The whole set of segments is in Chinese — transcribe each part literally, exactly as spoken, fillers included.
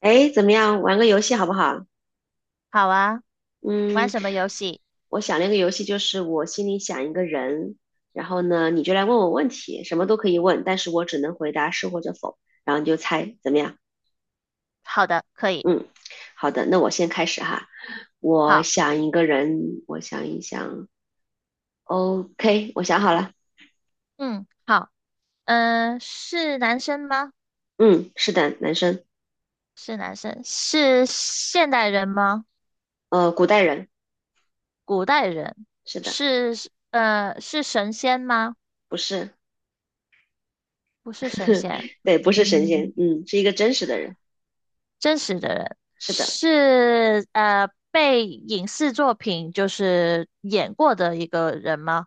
哎，怎么样？玩个游戏好不好？好啊，玩嗯，什么游戏？我想了一个游戏，就是我心里想一个人，然后呢，你就来问我问题，什么都可以问，但是我只能回答是或者否，然后你就猜，怎么样？好的，可以。嗯，好的，那我先开始哈。我好，想一个人，我想一想，OK，我想好了。嗯，好，嗯、是男生吗？嗯，是的，男生，是男生，是现代人吗？呃，古代人，古代人，是的，是呃是神仙吗？不是，不是神 仙，对，不是神仙，嗯，嗯，是一个真实的人，真实的人。是的。是呃被影视作品就是演过的一个人吗？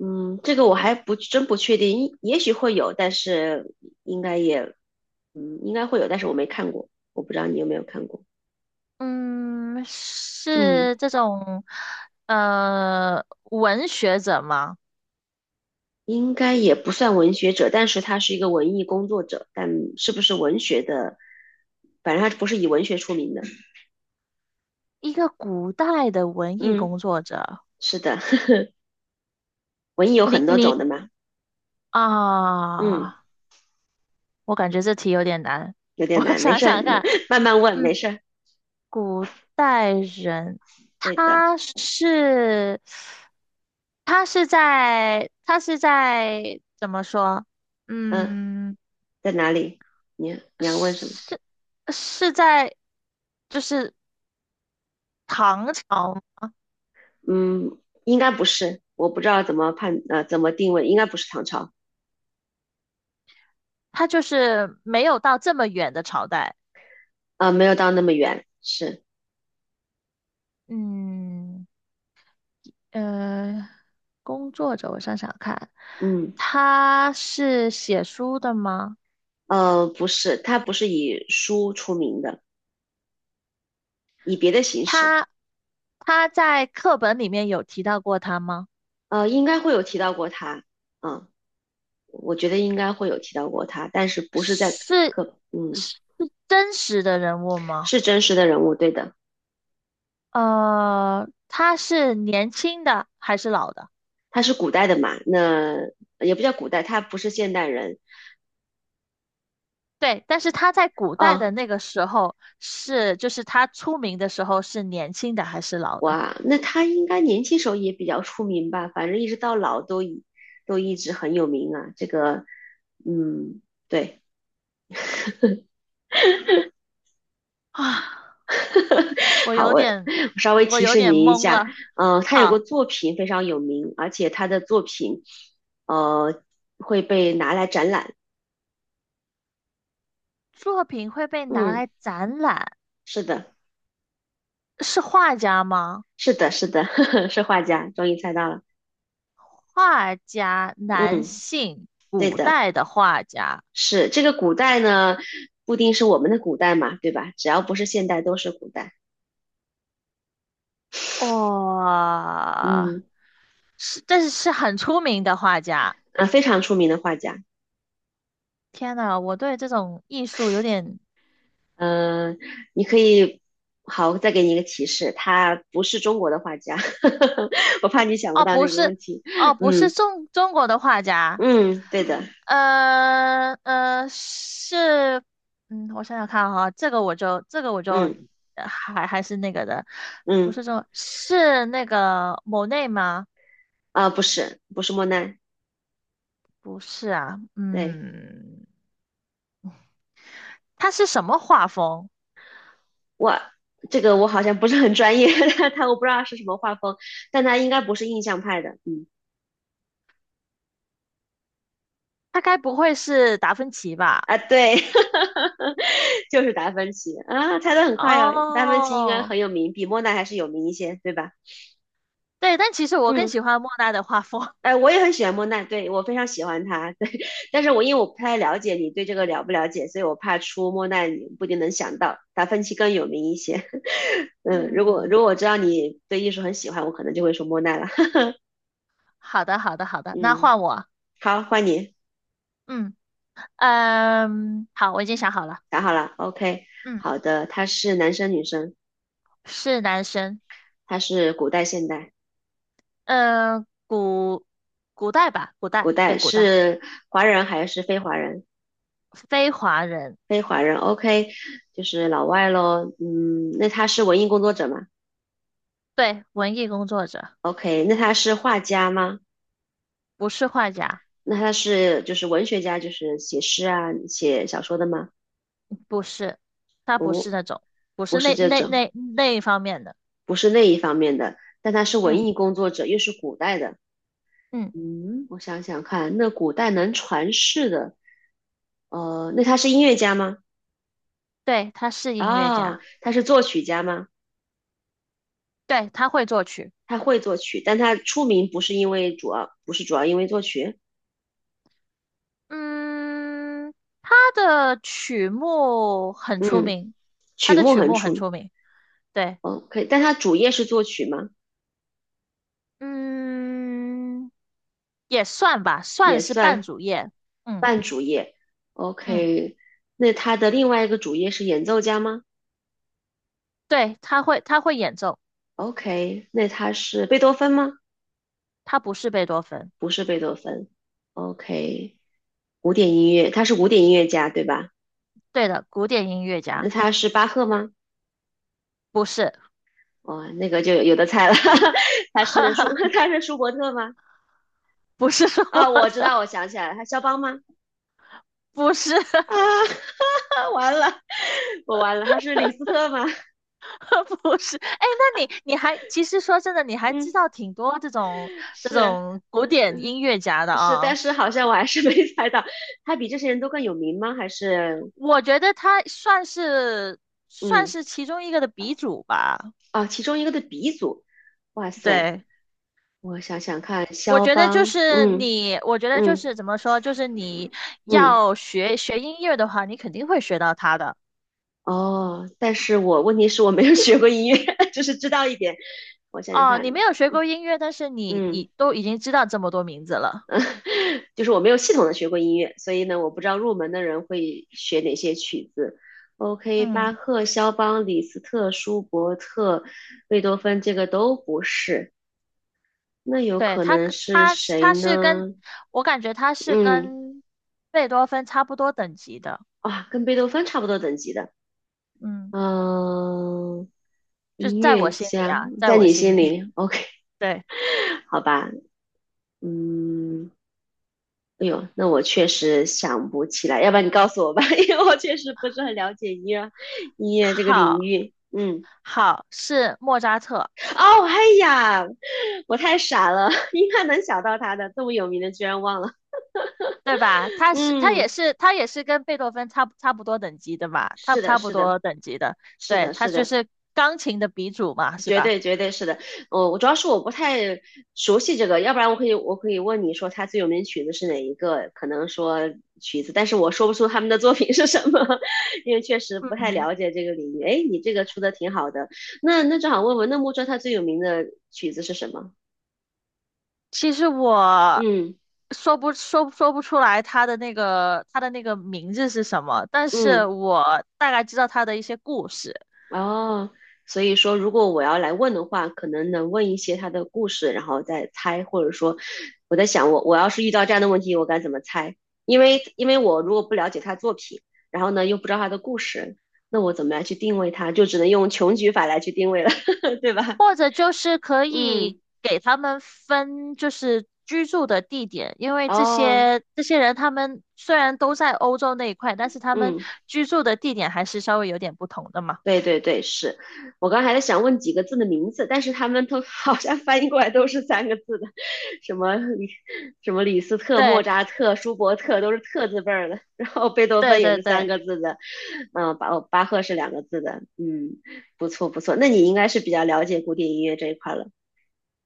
嗯，这个我还不真不确定，也许会有，但是应该也，嗯，应该会有，但是我没看过，我不知道你有没有看过。嗯，嗯，是这种呃文学者吗？应该也不算文学者，但是他是一个文艺工作者，但是不是文学的，反正他不是以文学出名的。一个古代的文艺嗯，工作者。是的，文艺有你很多你种的嘛。嗯，啊，我感觉这题有点难。有 点我难，没想事儿，想看，慢慢慢问，嗯，没事儿。古代人，对的，他是他是在他是在怎么说？嗯，嗯，在哪里？你你要问什么？是是在就是唐朝。嗯，应该不是，我不知道怎么判呃怎么定位，应该不是唐朝，他就是没有到这么远的朝代，呃，没有到那么远，是，嗯。呃，工作者，我想想看，嗯，他是写书的吗？呃，不是，他不是以书出名的，以别的形式，他他在课本里面有提到过他吗？呃，应该会有提到过他，嗯，我觉得应该会有提到过他，但是不是在是课，嗯，是真实的人物吗？是真实的人物，对的，呃，他是年轻的还是老的？他是古代的嘛，那也不叫古代，他不是现代人，对，但是他在古代的嗯、那个时候是，就是他出名的时候是年轻的还是老的？哇，那他应该年轻时候也比较出名吧？反正一直到老都一都一直很有名啊。这个，嗯，对，啊，我好，有我我点，稍微我提有示点您一懵下，了。呃，他有个好。作品非常有名，而且他的作品，呃，会被拿来展览。作品会被拿嗯，来展览，是的，是画家吗？是的，是的，是画家，终于猜到了。画家，男嗯，性，对古的，代的画家，是这个古代呢，不一定是我们的古代嘛，对吧？只要不是现代，都是古代。哇、嗯。是，但是是很出名的画家。啊，非常出名的画家。天呐，我对这种艺术有点。嗯、你可以，好，再给你一个提示，他不是中国的画家，我怕你想不哦，到不那个是。问题。哦，不是嗯中中国的画家。嗯，对的，呃呃，是，嗯，我想想看哈，这个我就这个我就嗯呃还还是那个的。不嗯是中，是那个莫内吗？啊，不是不是莫奈，不是啊，对嗯，他是什么画风？我这个我好像不是很专业，他他我不知道是什么画风，但他应该不是印象派的，嗯他该不会是达芬奇吧？啊对，就是达芬奇啊，猜的很快哟，达芬奇应该哦，很有名，比莫奈还是有名一些，对吧？对，但其实我更嗯。喜欢莫奈的画风。哎，我也很喜欢莫奈，对，我非常喜欢他，对，但是我因为我不太了解你对这个了不了解，所以我怕出莫奈你不一定能想到，达芬奇更有名一些。嗯，如果如嗯，果我知道你对艺术很喜欢，我可能就会说莫奈了。好的，好的，好 的，那嗯，换我。好，换你，嗯。嗯，好，我已经想好了，想好了，OK，嗯，好的，他是男生女生？是男生，他是古代现代？嗯，古古代吧，古古代，对，代古代，是华人还是非华人？非华人，非华人，OK，就是老外咯。嗯，那他是文艺工作者吗对，文艺工作者，？OK，那他是画家吗？不是画家，那他是就是文学家，就是写诗啊、写小说的吗？不是，他不是不，那种，不不是是那这那种，那那一方面的，不是那一方面的。但他是嗯文艺工作者，又是古代的。嗯，嗯，我想想看，那古代能传世的，呃，那他是音乐家吗？对，他是音乐啊、家，他是作曲家吗？对，他会作曲，他会作曲，但他出名不是因为主要，不是主要因为作曲。嗯，他的曲目很出嗯，名，他曲的目曲很目出很名。出名，对。哦，可以，但他主业是作曲吗？嗯，也算吧，算也是半算。主业。嗯半主业嗯，，OK。那他的另外一个主业是演奏家吗对，他会他会演奏，？OK。那他是贝多芬吗？他不是贝多芬。不是贝多芬，OK。古典音乐，他是古典音乐家，对吧？对的，古典音乐那家他是巴赫吗？不是，哇、那个就有有的猜了，他是舒 他是舒伯特吗？不是说啊、我我知的，道，我想起来了，他肖邦吗？不是。 啊，完了，我完了，他是李斯特吗？不是。哎，那你你还其实说真的，你还知嗯，道挺多这种这是。种古典嗯。音乐家的是，但啊。是好像我还是 没猜到，他比这些人都更有名吗？还是我觉得他算是算嗯是其中一个的鼻祖吧。啊，其中一个的鼻祖，哇塞，对，我想想看，我肖觉得就邦，是嗯你，我觉得就嗯是怎么说，就是你嗯，要学学音乐的话，你肯定会学到它的。哦，但是我问题是我没有学过音乐，就是知道一点，我想想哦，看，你没有学过音乐，但是你嗯已都已经知道这么多名字了。嗯，就是我没有系统的学过音乐，所以呢，我不知道入门的人会学哪些曲子。OK，巴嗯，赫、肖邦、李斯特、舒伯特、贝多芬，这个都不是。那有对，可它能跟，是它是，谁它是跟，呢？我感觉它是嗯，跟贝多芬差不多等级的。哇，跟贝多芬差不多等级的，嗯，嗯，就是音在我乐心里家，啊，在在我你心心里。里，OK，对，好吧，嗯，哎呦，那我确实想不起来，要不然你告诉我吧，因为我确实不是很了解音乐音乐这个领好，域。嗯，好，是莫扎特。哦，哎呀，我太傻了，应该能想到他的，这么有名的居然忘了。对吧？他是他也嗯，是他也是跟贝多芬差不差不多等级的嘛，差是的，差不是的，多等级的，是对，的，他是就的，是钢琴的鼻祖嘛，是绝吧？对绝对是的，我我主要是我不太熟悉这个，要不然我可以我可以问你说他最有名的曲子是哪一个？可能说曲子，但是我说不出他们的作品是什么，因为确实不太嗯，了解这个领域。哎，你这个出的挺好的，那那正好问问，那木车他最有名的曲子是什么？其实我嗯说不说说不出来他的那个他的那个名字是什么，但是嗯。我大概知道他的一些故事。哦，所以说，如果我要来问的话，可能能问一些他的故事，然后再猜，或者说，我在想我，我要是遇到这样的问题，我该怎么猜？因为因为我如果不了解他作品，然后呢又不知道他的故事，那我怎么来去定位他？就只能用穷举法来去定位了，对吧？或者就是可以嗯，给他们分，就是居住的地点，因为这哦，些这些人他们虽然都在欧洲那一块，但是他们嗯。居住的地点还是稍微有点不同的嘛。对对对，是我刚还在想问几个字的名字，但是他们都 好像翻译过来都是三个字的，什么李什么李斯特、莫对扎特、舒伯特都是特字辈儿的，然后贝多芬对也对是三对个字的，嗯，巴哦巴赫是两个字的，嗯，不错不错，那你应该是比较了解古典音乐这一块了，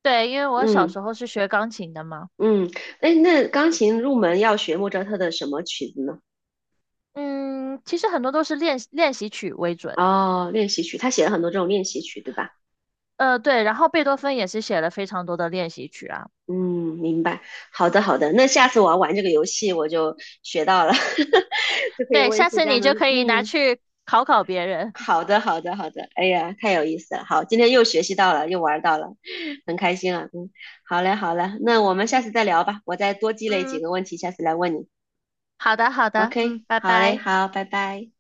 对，因为我小嗯时候是学钢琴的嘛。嗯，哎，那钢琴入门要学莫扎特的什么曲子呢？嗯，其实很多都是练练习曲为准，哦，练习曲，他写了很多这种练习曲，对吧？呃，对，然后贝多芬也是写了非常多的练习曲啊。嗯，明白。好的，好的。那下次我要玩这个游戏，我就学到了，就可以对，问一下些次家人你就们。可以拿嗯，去考考别人。好的，好的，好的。哎呀，太有意思了。好，今天又学习到了，又玩到了，很开心啊。嗯，好嘞，好嘞。那我们下次再聊吧，我再多积累几嗯，个问题，下次来问你。好的好的，OK，嗯，拜好嘞，拜。好，拜拜。